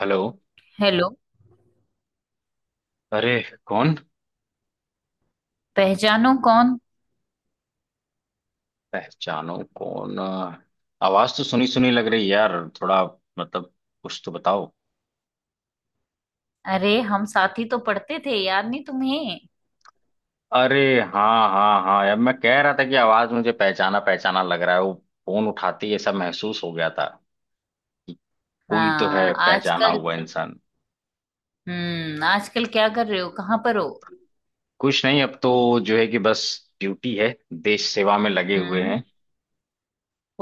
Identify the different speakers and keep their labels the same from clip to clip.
Speaker 1: Hello.
Speaker 2: Hello.
Speaker 1: अरे कौन?
Speaker 2: पहचानो कौन।
Speaker 1: पहचानो कौन। आवाज तो सुनी सुनी लग रही है यार। थोड़ा मतलब कुछ तो बताओ।
Speaker 2: अरे हम साथ ही तो पढ़ते थे, याद नहीं तुम्हें?
Speaker 1: अरे हाँ हाँ हाँ यार, मैं कह रहा था कि आवाज मुझे पहचाना पहचाना लग रहा है वो। फोन उठाते ही ऐसा महसूस हो गया था कि कोई तो है
Speaker 2: हाँ,
Speaker 1: पहचाना
Speaker 2: आजकल
Speaker 1: हुआ इंसान।
Speaker 2: हम्म, आजकल क्या कर रहे हो, कहाँ पर हो?
Speaker 1: कुछ नहीं, अब तो जो है कि बस ड्यूटी है, देश सेवा में लगे हुए
Speaker 2: हम्म।
Speaker 1: हैं।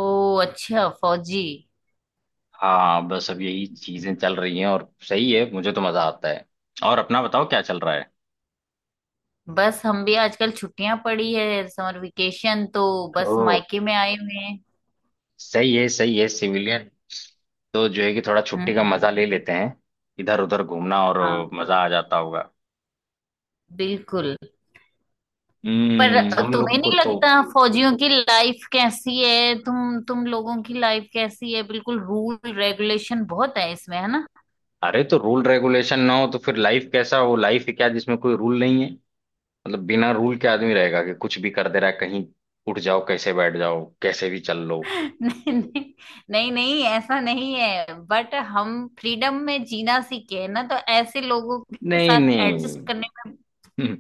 Speaker 2: ओ, अच्छा, फौजी।
Speaker 1: हाँ बस अब यही चीजें चल रही हैं और सही है, मुझे तो मजा आता है। और अपना बताओ क्या चल रहा
Speaker 2: बस हम भी आजकल छुट्टियां पड़ी है, समर वेकेशन, तो बस
Speaker 1: है।
Speaker 2: मायके में आए हुए हैं।
Speaker 1: सही है सही है। सिविलियन तो जो है कि थोड़ा छुट्टी का मजा
Speaker 2: हम्म।
Speaker 1: ले लेते हैं, इधर उधर घूमना। और
Speaker 2: हाँ,
Speaker 1: मजा आ जाता होगा।
Speaker 2: बिल्कुल। पर
Speaker 1: हम्म, हम लोग
Speaker 2: तुम्हें
Speaker 1: को
Speaker 2: नहीं
Speaker 1: तो
Speaker 2: लगता फौजियों की लाइफ कैसी है, तुम लोगों की लाइफ कैसी है, बिल्कुल रूल रेगुलेशन बहुत है इसमें, है ना?
Speaker 1: अरे तो रूल रेगुलेशन ना हो तो फिर लाइफ कैसा हो? लाइफ है क्या जिसमें कोई रूल नहीं है? बिना रूल के आदमी रहेगा कि कुछ भी कर दे रहा है कहीं, उठ जाओ कैसे, बैठ जाओ कैसे भी, चल लो।
Speaker 2: नहीं नहीं, नहीं नहीं ऐसा नहीं है, बट हम फ्रीडम में जीना सीखे हैं ना, तो ऐसे लोगों के
Speaker 1: नहीं
Speaker 2: साथ
Speaker 1: नहीं।
Speaker 2: एडजस्ट करने में।
Speaker 1: हम्म,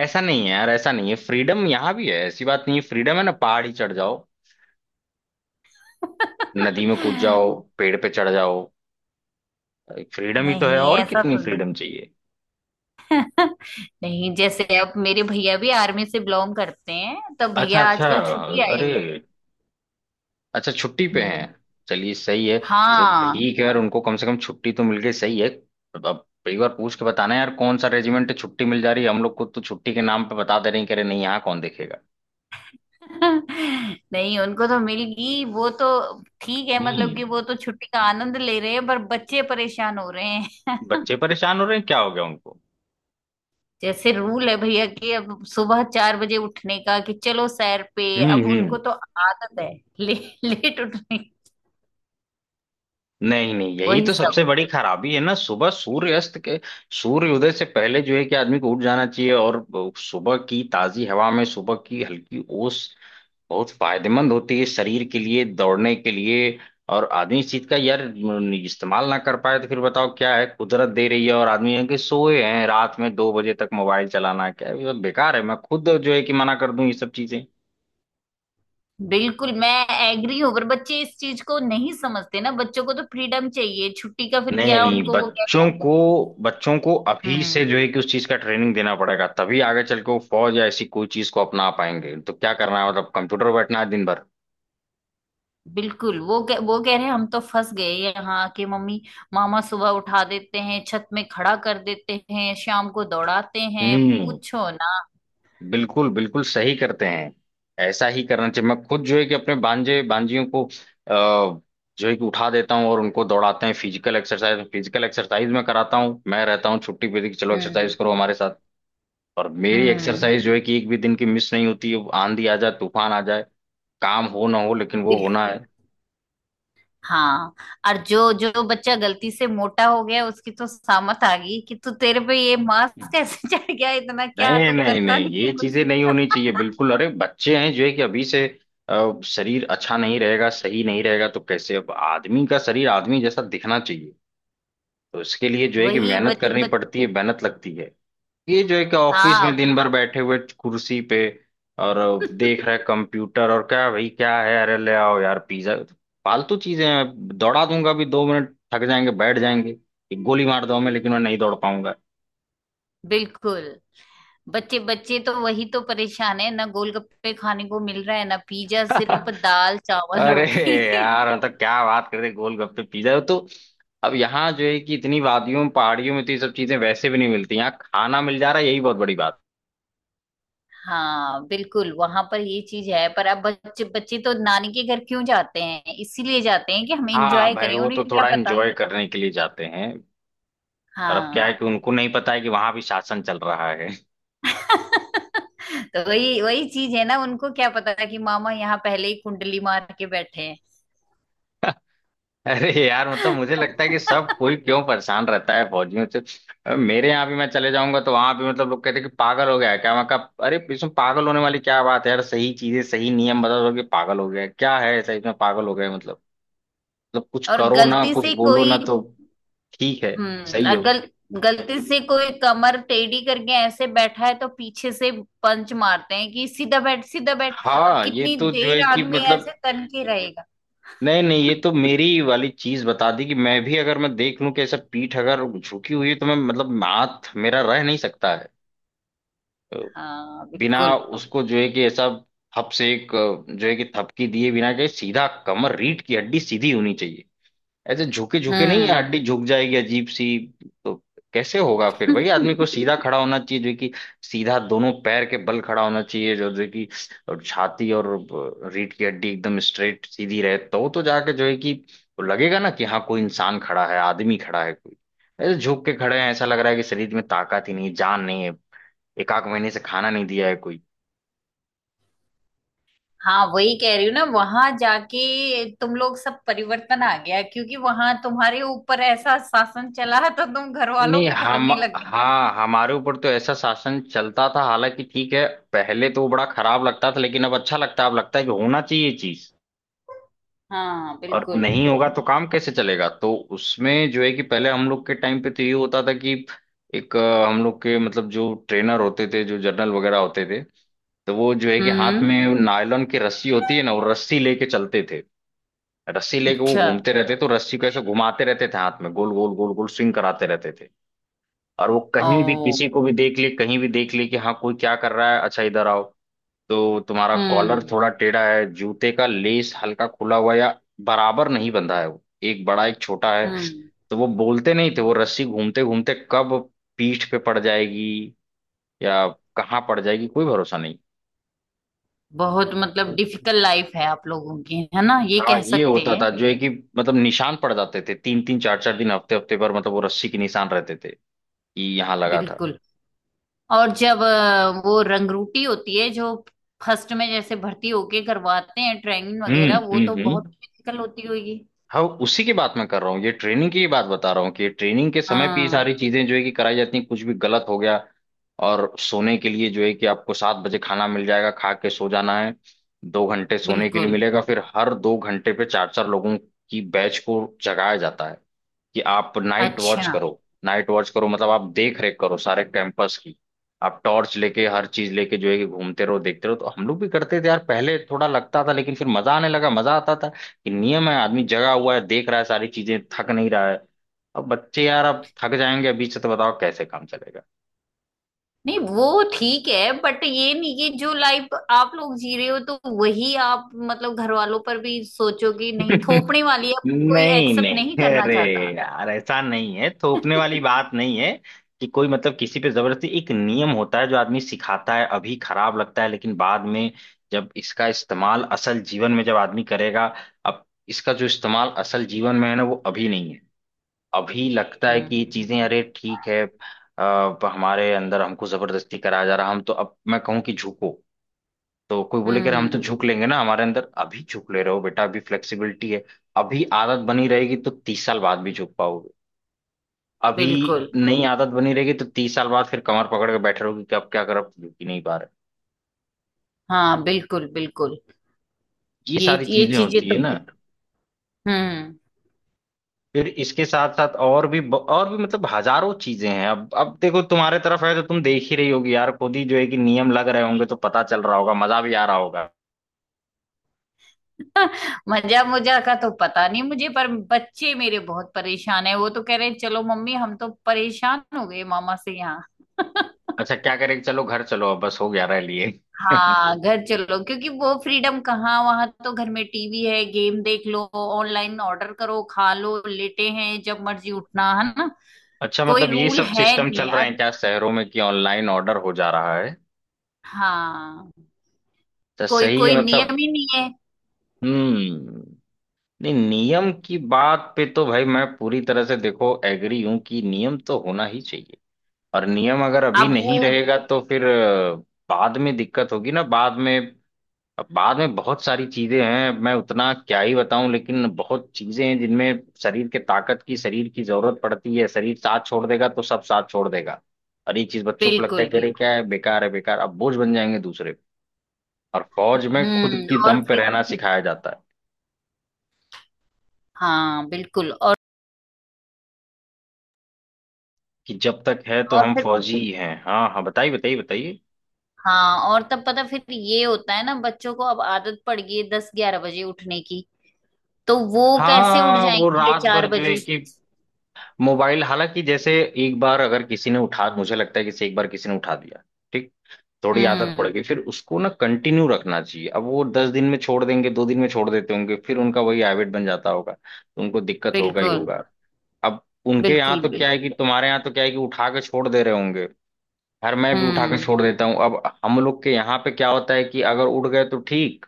Speaker 1: ऐसा नहीं है यार, ऐसा नहीं है। फ्रीडम यहाँ भी है, ऐसी बात नहीं है। फ्रीडम है ना, पहाड़ ही चढ़ जाओ, नदी में कूद जाओ, पेड़ पे चढ़ जाओ। फ्रीडम ही तो है,
Speaker 2: नहीं
Speaker 1: और
Speaker 2: ऐसा
Speaker 1: कितनी
Speaker 2: तो नहीं।
Speaker 1: फ्रीडम चाहिए?
Speaker 2: नहीं, जैसे अब मेरे भैया भी आर्मी से बिलोंग करते हैं, तो
Speaker 1: अच्छा
Speaker 2: भैया
Speaker 1: अच्छा।
Speaker 2: आजकल छुट्टी आए
Speaker 1: अरे
Speaker 2: हुए हैं।
Speaker 1: अच्छा, छुट्टी पे
Speaker 2: हम्म।
Speaker 1: हैं। चलिए सही है। चलो
Speaker 2: हाँ।
Speaker 1: ठीक है यार, उनको कम से कम छुट्टी तो मिल गई, सही है। अब एक बार पूछ के बताना यार, कौन सा रेजिमेंट, छुट्टी मिल जा रही है? हम लोग को तो छुट्टी के नाम पे बता दे रहे हैं, कह रहे नहीं यहाँ कौन देखेगा।
Speaker 2: नहीं, उनको तो मिल गई, वो तो ठीक है। मतलब
Speaker 1: हम्म।
Speaker 2: कि वो तो छुट्टी का आनंद ले रहे हैं, पर बच्चे परेशान हो रहे हैं।
Speaker 1: बच्चे परेशान हो रहे हैं, क्या हो गया उनको?
Speaker 2: जैसे रूल है भैया कि अब सुबह 4 बजे उठने का, कि चलो सैर पे।
Speaker 1: हम्म
Speaker 2: अब
Speaker 1: हम्म
Speaker 2: उनको तो आदत है ले, लेट उठने की।
Speaker 1: नहीं नहीं, यही
Speaker 2: वही
Speaker 1: तो
Speaker 2: सब।
Speaker 1: सबसे बड़ी खराबी है ना। सुबह सूर्य अस्त के सूर्य उदय से पहले जो है कि आदमी को उठ जाना चाहिए। और सुबह की ताजी हवा में, सुबह की हल्की ओस बहुत फायदेमंद होती है शरीर के लिए, दौड़ने के लिए। और आदमी इस चीज का यार इस्तेमाल ना कर पाए तो फिर बताओ क्या है? कुदरत दे रही है और आदमी है कि सोए हैं, रात में 2 बजे तक मोबाइल चलाना क्या है? ये सब बेकार है। मैं खुद जो है कि मना कर दूं ये सब चीजें।
Speaker 2: बिल्कुल मैं एग्री हूँ, पर बच्चे इस चीज को नहीं समझते ना, बच्चों को तो फ्रीडम चाहिए छुट्टी का, फिर
Speaker 1: नहीं
Speaker 2: क्या
Speaker 1: नहीं,
Speaker 2: उनको, वो कह
Speaker 1: बच्चों
Speaker 2: रहे हैं।
Speaker 1: को बच्चों को अभी
Speaker 2: हम्म।
Speaker 1: से जो है कि उस चीज का ट्रेनिंग देना पड़ेगा, तभी आगे चल के वो फौज या ऐसी कोई चीज को अपना पाएंगे। तो क्या करना है, कंप्यूटर पर बैठना है दिन भर?
Speaker 2: बिल्कुल, वो कह रहे हैं हम तो फंस गए यहाँ के, मम्मी मामा सुबह उठा देते हैं, छत में खड़ा कर देते हैं, शाम को दौड़ाते हैं,
Speaker 1: हम्म।
Speaker 2: पूछो ना।
Speaker 1: बिल्कुल बिल्कुल सही करते हैं, ऐसा ही करना चाहिए। मैं खुद जो है कि अपने बांजे बांजियों को जो है कि उठा देता हूँ और उनको दौड़ाते हैं। फिजिकल एक्सरसाइज, फिजिकल एक्सरसाइज में कराता हूँ। मैं रहता हूँ छुट्टी पे कि चलो एक्सरसाइज
Speaker 2: हम्म
Speaker 1: करो हमारे साथ। और मेरी
Speaker 2: हम्म।
Speaker 1: एक्सरसाइज जो है कि एक भी दिन की मिस नहीं होती है, आंधी आ जाए, तूफान आ जाए, काम हो ना हो, लेकिन वो होना है।
Speaker 2: हाँ। और जो जो बच्चा गलती से मोटा हो गया उसकी तो सामत आ गई, कि तू, तेरे पे ये मास्क कैसे चढ़ गया इतना, क्या
Speaker 1: नहीं
Speaker 2: तू
Speaker 1: नहीं
Speaker 2: करता
Speaker 1: नहीं
Speaker 2: नहीं है
Speaker 1: ये
Speaker 2: कुछ?
Speaker 1: चीजें नहीं होनी चाहिए बिल्कुल। अरे बच्चे हैं, जो है कि अभी से शरीर अच्छा नहीं रहेगा, सही नहीं रहेगा तो कैसे? अब आदमी का शरीर आदमी जैसा दिखना चाहिए। तो इसके लिए जो है कि
Speaker 2: वही
Speaker 1: मेहनत
Speaker 2: बच
Speaker 1: करनी
Speaker 2: बच
Speaker 1: पड़ती है, मेहनत लगती है। ये जो है कि ऑफिस
Speaker 2: हाँ।
Speaker 1: में दिन भर बैठे हुए कुर्सी पे और देख रहे कंप्यूटर, और क्या भाई, क्या है? अरे ले आओ यार पिज्जा। फालतू चीजें हैं। दौड़ा दूंगा भी 2 मिनट, थक जाएंगे बैठ जाएंगे। एक गोली मार दो हमें, लेकिन मैं नहीं दौड़ पाऊंगा।
Speaker 2: बिल्कुल। बच्चे, बच्चे तो वही तो परेशान है ना, गोलगप्पे खाने को मिल रहा है ना पिज्जा, सिर्फ दाल चावल
Speaker 1: अरे
Speaker 2: रोटी।
Speaker 1: यार, मतलब क्या बात कर रहे, गोलगप्पे पिज्जा तो अब यहाँ जो है कि इतनी वादियों पहाड़ियों में तो ये सब चीजें वैसे भी नहीं मिलती। यहाँ खाना मिल जा रहा है यही बहुत बड़ी बात।
Speaker 2: हाँ बिल्कुल, वहां पर ये चीज है। पर अब बच्चे, बच्चे तो नानी के घर क्यों जाते हैं, इसीलिए जाते हैं कि हम
Speaker 1: हाँ
Speaker 2: एंजॉय
Speaker 1: भाई
Speaker 2: करें,
Speaker 1: वो
Speaker 2: उन्हें
Speaker 1: तो
Speaker 2: क्या
Speaker 1: थोड़ा
Speaker 2: पता।
Speaker 1: एंजॉय करने के लिए जाते हैं। और अब क्या
Speaker 2: हाँ।
Speaker 1: है कि उनको नहीं पता है कि वहां भी शासन चल रहा है।
Speaker 2: तो वही वही चीज है ना, उनको क्या पता था कि मामा यहाँ पहले ही कुंडली मार के बैठे हैं।
Speaker 1: अरे यार, मुझे लगता है कि सब कोई क्यों परेशान रहता है फौजियों से? अब मेरे यहाँ भी मैं चले जाऊंगा तो वहां भी लोग कहते हैं कि पागल हो गया है क्या? मैं कहा अरे इसमें पागल होने वाली क्या बात है यार, सही चीजें सही नियम बता दो कि पागल हो गया है। क्या है ऐसा इसमें पागल हो गए? मतलब, मतलब कुछ
Speaker 2: और
Speaker 1: करो ना
Speaker 2: गलती
Speaker 1: कुछ
Speaker 2: से
Speaker 1: बोलो ना
Speaker 2: कोई,
Speaker 1: तो ठीक है,
Speaker 2: हम्म,
Speaker 1: सही
Speaker 2: और
Speaker 1: हो।
Speaker 2: गलती से कोई कमर टेढ़ी करके ऐसे बैठा है तो पीछे से पंच मारते हैं कि सीधा बैठ, सीधा बैठ। अब
Speaker 1: हाँ ये
Speaker 2: कितनी
Speaker 1: तो जो है
Speaker 2: देर
Speaker 1: कि
Speaker 2: आदमी
Speaker 1: मतलब,
Speaker 2: ऐसे तन के रहेगा?
Speaker 1: नहीं नहीं, ये तो मेरी वाली चीज बता दी कि मैं भी अगर मैं देख लूं कि ऐसा पीठ अगर झुकी हुई है तो मैं हाथ मेरा रह नहीं सकता है। तो
Speaker 2: हाँ
Speaker 1: बिना
Speaker 2: बिल्कुल।
Speaker 1: उसको जो है कि ऐसा हप से एक जो है कि थपकी दिए बिना के सीधा कमर, रीढ़ की हड्डी सीधी होनी चाहिए। ऐसे झुके झुके नहीं है,
Speaker 2: हम्म।
Speaker 1: हड्डी झुक जाएगी अजीब सी। तो कैसे होगा फिर भाई? आदमी को सीधा खड़ा होना चाहिए जो कि सीधा दोनों पैर के बल खड़ा होना चाहिए, जो जो कि और छाती और रीढ़ की हड्डी एकदम स्ट्रेट सीधी रहे, तो जाके जो है कि लगेगा ना कि हाँ कोई इंसान खड़ा है, आदमी खड़ा है कोई। ऐसे झुक के खड़े हैं, ऐसा लग रहा है कि शरीर में ताकत ही नहीं, जान नहीं है, एक आध महीने से खाना नहीं दिया है कोई।
Speaker 2: हाँ वही कह रही हूँ ना, वहां जाके तुम लोग सब परिवर्तन आ गया, क्योंकि वहां तुम्हारे ऊपर ऐसा शासन चला तो तुम घर वालों
Speaker 1: नहीं,
Speaker 2: पे
Speaker 1: हम,
Speaker 2: करने लग गए।
Speaker 1: हाँ हमारे ऊपर तो ऐसा शासन चलता था हालांकि, ठीक है पहले तो वो बड़ा खराब लगता था, लेकिन अब अच्छा लगता है। अब लगता है कि होना चाहिए चीज,
Speaker 2: हाँ
Speaker 1: और
Speaker 2: बिल्कुल।
Speaker 1: नहीं होगा तो काम कैसे चलेगा। तो उसमें जो है कि पहले हम लोग के टाइम पे तो ये होता था कि एक हम लोग के मतलब जो ट्रेनर होते थे, जो जर्नल वगैरह होते थे, तो वो जो है कि हाथ
Speaker 2: हम्म।
Speaker 1: में नायलॉन की रस्सी होती है ना, वो रस्सी लेके चलते थे। रस्सी लेके वो
Speaker 2: अच्छा।
Speaker 1: घूमते रहते, तो रस्सी को ऐसे घुमाते रहते थे हाथ में, गोल गोल गोल गोल स्विंग कराते रहते थे। और वो कहीं भी
Speaker 2: ओ।
Speaker 1: किसी को भी देख ले, कहीं भी देख ले कि हाँ कोई क्या कर रहा है, अच्छा इधर आओ, तो तुम्हारा कॉलर
Speaker 2: हम्म
Speaker 1: थोड़ा टेढ़ा है, जूते का लेस हल्का खुला हुआ, या बराबर नहीं बंधा है वो, एक बड़ा एक छोटा है।
Speaker 2: हम्म।
Speaker 1: तो वो बोलते नहीं थे, वो रस्सी घूमते घूमते कब पीठ पे पड़ जाएगी या कहाँ पड़ जाएगी कोई भरोसा नहीं।
Speaker 2: बहुत मतलब डिफिकल्ट लाइफ है आप लोगों की, है ना, ये
Speaker 1: हाँ
Speaker 2: कह
Speaker 1: ये
Speaker 2: सकते
Speaker 1: होता
Speaker 2: हैं।
Speaker 1: था जो है कि मतलब, निशान पड़ जाते थे 3-3 4-4 दिन, हफ्ते हफ्ते पर मतलब वो रस्सी के निशान रहते थे कि यहाँ लगा था।
Speaker 2: बिल्कुल। और जब वो रंगरूटी होती है जो फर्स्ट में जैसे भर्ती होके करवाते हैं ट्रेनिंग
Speaker 1: हम्म
Speaker 2: वगैरह, वो
Speaker 1: हम्म
Speaker 2: तो बहुत
Speaker 1: हम्म
Speaker 2: डिफिकल्ट होती होगी।
Speaker 1: हाँ उसी की बात मैं कर रहा हूँ, ये ट्रेनिंग की बात बता रहा हूँ कि ट्रेनिंग के समय पे ये
Speaker 2: हाँ
Speaker 1: सारी चीजें जो है कि कराई जाती हैं, कुछ भी गलत हो गया। और सोने के लिए जो है कि आपको 7 बजे खाना मिल जाएगा, खा के सो जाना है, 2 घंटे सोने के लिए
Speaker 2: बिल्कुल।
Speaker 1: मिलेगा, फिर हर 2 घंटे पे 4-4 लोगों की बैच को जगाया जाता है कि आप नाइट वॉच
Speaker 2: अच्छा।
Speaker 1: करो, नाइट वॉच करो मतलब आप देख रेख करो सारे कैंपस की। आप टॉर्च लेके हर चीज लेके जो है कि घूमते रहो देखते रहो। तो हम लोग भी करते थे यार, पहले थोड़ा लगता था लेकिन फिर मजा आने लगा। मजा आता था कि नियम है, आदमी जगा हुआ है, देख रहा है सारी चीजें, थक नहीं रहा है। अब बच्चे यार, अब थक जाएंगे बीच से तो बताओ कैसे काम चलेगा?
Speaker 2: नहीं वो ठीक है, बट ये नहीं कि जो लाइफ आप लोग जी रहे हो तो वही आप मतलब घर वालों पर भी सोचो, कि नहीं, थोपने वाली है, कोई
Speaker 1: नहीं
Speaker 2: एक्सेप्ट नहीं
Speaker 1: नहीं,
Speaker 2: करना
Speaker 1: अरे
Speaker 2: चाहता।
Speaker 1: यार ऐसा नहीं है, थोपने वाली बात नहीं है कि कोई किसी पे जबरदस्ती। एक नियम होता है जो आदमी सिखाता है, अभी खराब लगता है, लेकिन बाद में जब इसका इस्तेमाल असल जीवन में जब आदमी करेगा। अब इसका जो इस्तेमाल असल जीवन में है ना, वो अभी नहीं है। अभी लगता है कि ये
Speaker 2: हम्म
Speaker 1: चीजें अरे ठीक है हमारे अंदर हमको जबरदस्ती कराया जा रहा। हम तो अब मैं कहूँ कि झुको, तो कोई बोले कि अरे हम तो
Speaker 2: हम्म।
Speaker 1: झुक लेंगे ना। हमारे अंदर अभी झुक ले रहे हो बेटा, अभी फ्लेक्सिबिलिटी है, अभी आदत बनी रहेगी तो 30 साल बाद भी झुक पाओगे। अभी
Speaker 2: बिल्कुल।
Speaker 1: नई आदत बनी रहेगी तो तीस साल बाद फिर कमर पकड़ के बैठे रहोगे कि अब क्या करो, अब तो झुक ही नहीं पा रहे।
Speaker 2: हाँ बिल्कुल बिल्कुल।
Speaker 1: ये
Speaker 2: ये
Speaker 1: सारी
Speaker 2: ये
Speaker 1: चीजें
Speaker 2: चीजें
Speaker 1: होती
Speaker 2: तो
Speaker 1: है ना।
Speaker 2: हम्म।
Speaker 1: फिर इसके साथ साथ और भी और भी मतलब हजारों चीजें हैं। अब देखो तुम्हारे तरफ है, तो तुम देख ही रही होगी यार, खुद ही जो है कि नियम लग रहे होंगे तो पता चल रहा होगा, मजा भी आ रहा होगा।
Speaker 2: मजा मुजा का तो पता नहीं मुझे, पर बच्चे मेरे बहुत परेशान है, वो तो कह रहे हैं चलो मम्मी, हम तो परेशान हो गए मामा से यहाँ।
Speaker 1: अच्छा, क्या करें, चलो घर चलो, अब बस हो गया रह लिए।
Speaker 2: हाँ घर चलो, क्योंकि वो फ्रीडम कहाँ, वहां तो घर में टीवी है, गेम देख लो, ऑनलाइन ऑर्डर करो खा लो, लेटे हैं जब मर्जी, उठना है ना।
Speaker 1: अच्छा,
Speaker 2: कोई
Speaker 1: ये
Speaker 2: रूल
Speaker 1: सब
Speaker 2: है
Speaker 1: सिस्टम
Speaker 2: नहीं
Speaker 1: चल रहे
Speaker 2: यार।
Speaker 1: हैं क्या शहरों में कि ऑनलाइन ऑर्डर हो जा रहा है?
Speaker 2: हाँ,
Speaker 1: तो
Speaker 2: कोई,
Speaker 1: सही है
Speaker 2: कोई नियम
Speaker 1: मतलब।
Speaker 2: ही नहीं है।
Speaker 1: हम्म। नहीं, नियम की बात पे तो भाई मैं पूरी तरह से देखो एग्री हूं कि नियम तो होना ही चाहिए। और नियम अगर अभी
Speaker 2: अब
Speaker 1: नहीं
Speaker 2: वो
Speaker 1: रहेगा तो फिर बाद में दिक्कत होगी ना बाद में। अब बाद में बहुत सारी चीजें हैं, मैं उतना क्या ही बताऊं, लेकिन बहुत चीजें हैं जिनमें शरीर के ताकत की, शरीर की जरूरत पड़ती है। शरीर साथ छोड़ देगा तो सब साथ छोड़ देगा। और ये चीज बच्चों को लगता
Speaker 2: बिल्कुल
Speaker 1: है कि अरे
Speaker 2: बिल्कुल।
Speaker 1: क्या है, बेकार है बेकार। अब बोझ बन जाएंगे दूसरे पे। और फौज में खुद
Speaker 2: हम्म।
Speaker 1: की
Speaker 2: और
Speaker 1: दम पे
Speaker 2: फिर,
Speaker 1: रहना सिखाया जाता है
Speaker 2: हाँ बिल्कुल, और
Speaker 1: कि जब तक है तो
Speaker 2: और
Speaker 1: हम
Speaker 2: फिर
Speaker 1: फौजी ही हैं। हाँ हाँ बताइए बताइए बताइए।
Speaker 2: हाँ, और तब पता फिर ये होता है ना बच्चों को, अब आदत पड़ गई है 10 11 बजे उठने की, तो वो कैसे उठ
Speaker 1: हाँ वो
Speaker 2: जाएंगे
Speaker 1: रात
Speaker 2: चार
Speaker 1: भर जो
Speaker 2: बजे
Speaker 1: है कि मोबाइल, हालांकि जैसे एक बार अगर किसी ने उठा, मुझे लगता है कि जैसे एक बार किसी ने उठा दिया, ठीक? थोड़ी आदत पड़
Speaker 2: हम्म।
Speaker 1: गई, फिर उसको ना कंटिन्यू रखना चाहिए। अब वो 10 दिन में छोड़ देंगे, 2 दिन में छोड़ देते होंगे, फिर उनका वही हैबिट बन जाता होगा, तो उनको दिक्कत होगा ही
Speaker 2: बिल्कुल
Speaker 1: होगा। अब उनके
Speaker 2: बिल्कुल
Speaker 1: यहाँ तो क्या
Speaker 2: बिल्कुल।
Speaker 1: है कि, तुम्हारे यहाँ तो क्या है कि उठा के छोड़ दे रहे होंगे। खैर, मैं भी उठा के
Speaker 2: हम्म
Speaker 1: छोड़ देता हूँ। अब हम लोग के यहाँ पे क्या होता है कि अगर उठ गए तो ठीक,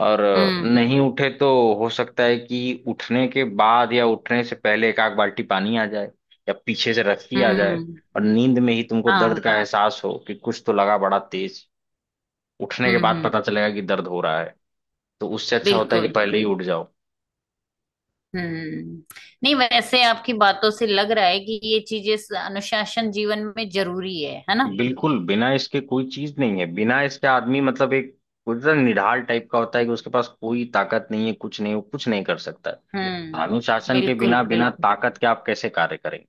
Speaker 1: और
Speaker 2: हम्म
Speaker 1: नहीं उठे तो हो सकता है कि उठने के बाद या उठने से पहले एक आध बाल्टी पानी आ जाए, या पीछे से रस्सी आ जाए,
Speaker 2: हम्म।
Speaker 1: और नींद में ही तुमको दर्द
Speaker 2: हाँ।
Speaker 1: का एहसास हो कि कुछ तो लगा बड़ा तेज। उठने के बाद
Speaker 2: हम्म।
Speaker 1: पता चलेगा कि दर्द हो रहा है। तो उससे अच्छा होता है कि
Speaker 2: बिल्कुल।
Speaker 1: पहले ही उठ जाओ।
Speaker 2: हम्म। नहीं वैसे आपकी बातों से लग रहा है कि ये चीजें अनुशासन जीवन में जरूरी है ना?
Speaker 1: बिल्कुल, बिना इसके कोई चीज नहीं है। बिना इसके आदमी एक पूरा निढाल टाइप का होता है कि उसके पास कोई ताकत नहीं है, कुछ नहीं, वो कुछ नहीं कर सकता है।
Speaker 2: हम्म।
Speaker 1: अनुशासन के
Speaker 2: बिल्कुल
Speaker 1: बिना, बिना
Speaker 2: बिल्कुल।
Speaker 1: ताकत के आप कैसे कार्य करेंगे?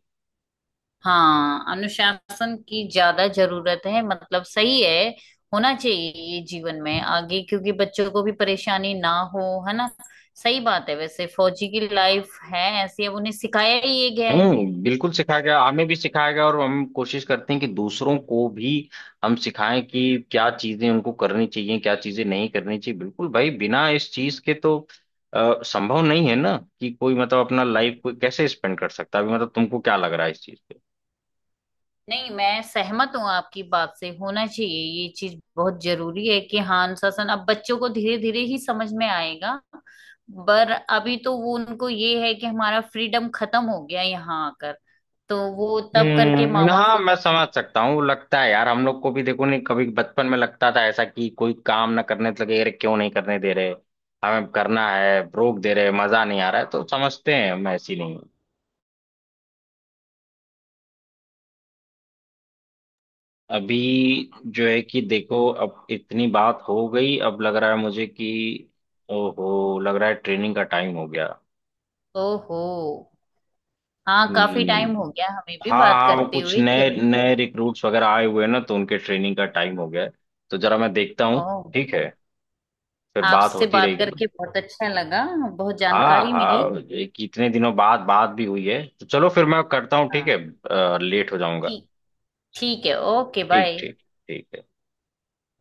Speaker 2: हाँ अनुशासन की ज्यादा जरूरत है, मतलब सही है, होना चाहिए ये जीवन में आगे, क्योंकि बच्चों को भी परेशानी ना हो, है ना। सही बात है वैसे, फौजी की लाइफ है ऐसी, अब उन्हें सिखाया ही ये गया है।
Speaker 1: हम्म, बिल्कुल सिखाया गया, हमें भी सिखाया गया, और हम कोशिश करते हैं कि दूसरों को भी हम सिखाएं कि क्या चीजें उनको करनी चाहिए, क्या चीजें नहीं करनी चाहिए। बिल्कुल भाई, बिना इस चीज के तो संभव नहीं है ना कि कोई अपना लाइफ कोई कैसे स्पेंड कर सकता है? अभी तुमको क्या लग रहा है इस चीज पे?
Speaker 2: नहीं मैं सहमत हूँ आपकी बात से, होना चाहिए ये चीज बहुत जरूरी है कि हाँ अनुशासन। अब बच्चों को धीरे धीरे ही समझ में आएगा, पर अभी तो वो उनको ये है कि हमारा फ्रीडम खत्म हो गया यहाँ आकर, तो वो तब करके मामा
Speaker 1: हाँ,
Speaker 2: से
Speaker 1: मैं
Speaker 2: दुखी
Speaker 1: समझ
Speaker 2: है।
Speaker 1: सकता हूँ, लगता है यार हम लोग को भी देखो नहीं, कभी बचपन में लगता था ऐसा कि कोई काम ना करने तो लगे अरे क्यों नहीं करने दे रहे, हमें करना है, रोक दे रहे, मजा नहीं आ रहा है। तो समझते हैं हम, ऐसी नहीं। अभी जो है कि देखो अब इतनी बात हो गई, अब लग रहा है मुझे कि ओहो, लग रहा है ट्रेनिंग का टाइम हो गया।
Speaker 2: ओहो। हाँ काफी टाइम
Speaker 1: हम्म
Speaker 2: हो गया, हमें भी
Speaker 1: हाँ
Speaker 2: बात
Speaker 1: हाँ, वो
Speaker 2: करते
Speaker 1: कुछ
Speaker 2: हुए,
Speaker 1: नए
Speaker 2: चल।
Speaker 1: नए रिक्रूट्स वगैरह आए हुए हैं ना, तो उनके ट्रेनिंग का टाइम हो गया है, तो जरा मैं देखता हूँ।
Speaker 2: ओह।
Speaker 1: ठीक है, फिर बात
Speaker 2: आपसे
Speaker 1: होती
Speaker 2: बात
Speaker 1: रहेगी।
Speaker 2: करके बहुत अच्छा लगा, बहुत
Speaker 1: हाँ
Speaker 2: जानकारी मिली।
Speaker 1: हाँ, एक इतने दिनों बाद बात भी हुई है, तो चलो फिर मैं करता हूँ, ठीक
Speaker 2: हाँ।
Speaker 1: है, लेट हो जाऊंगा।
Speaker 2: ठीक, ठीक है, ओके
Speaker 1: ठीक
Speaker 2: बाय।
Speaker 1: ठीक, ठीक है।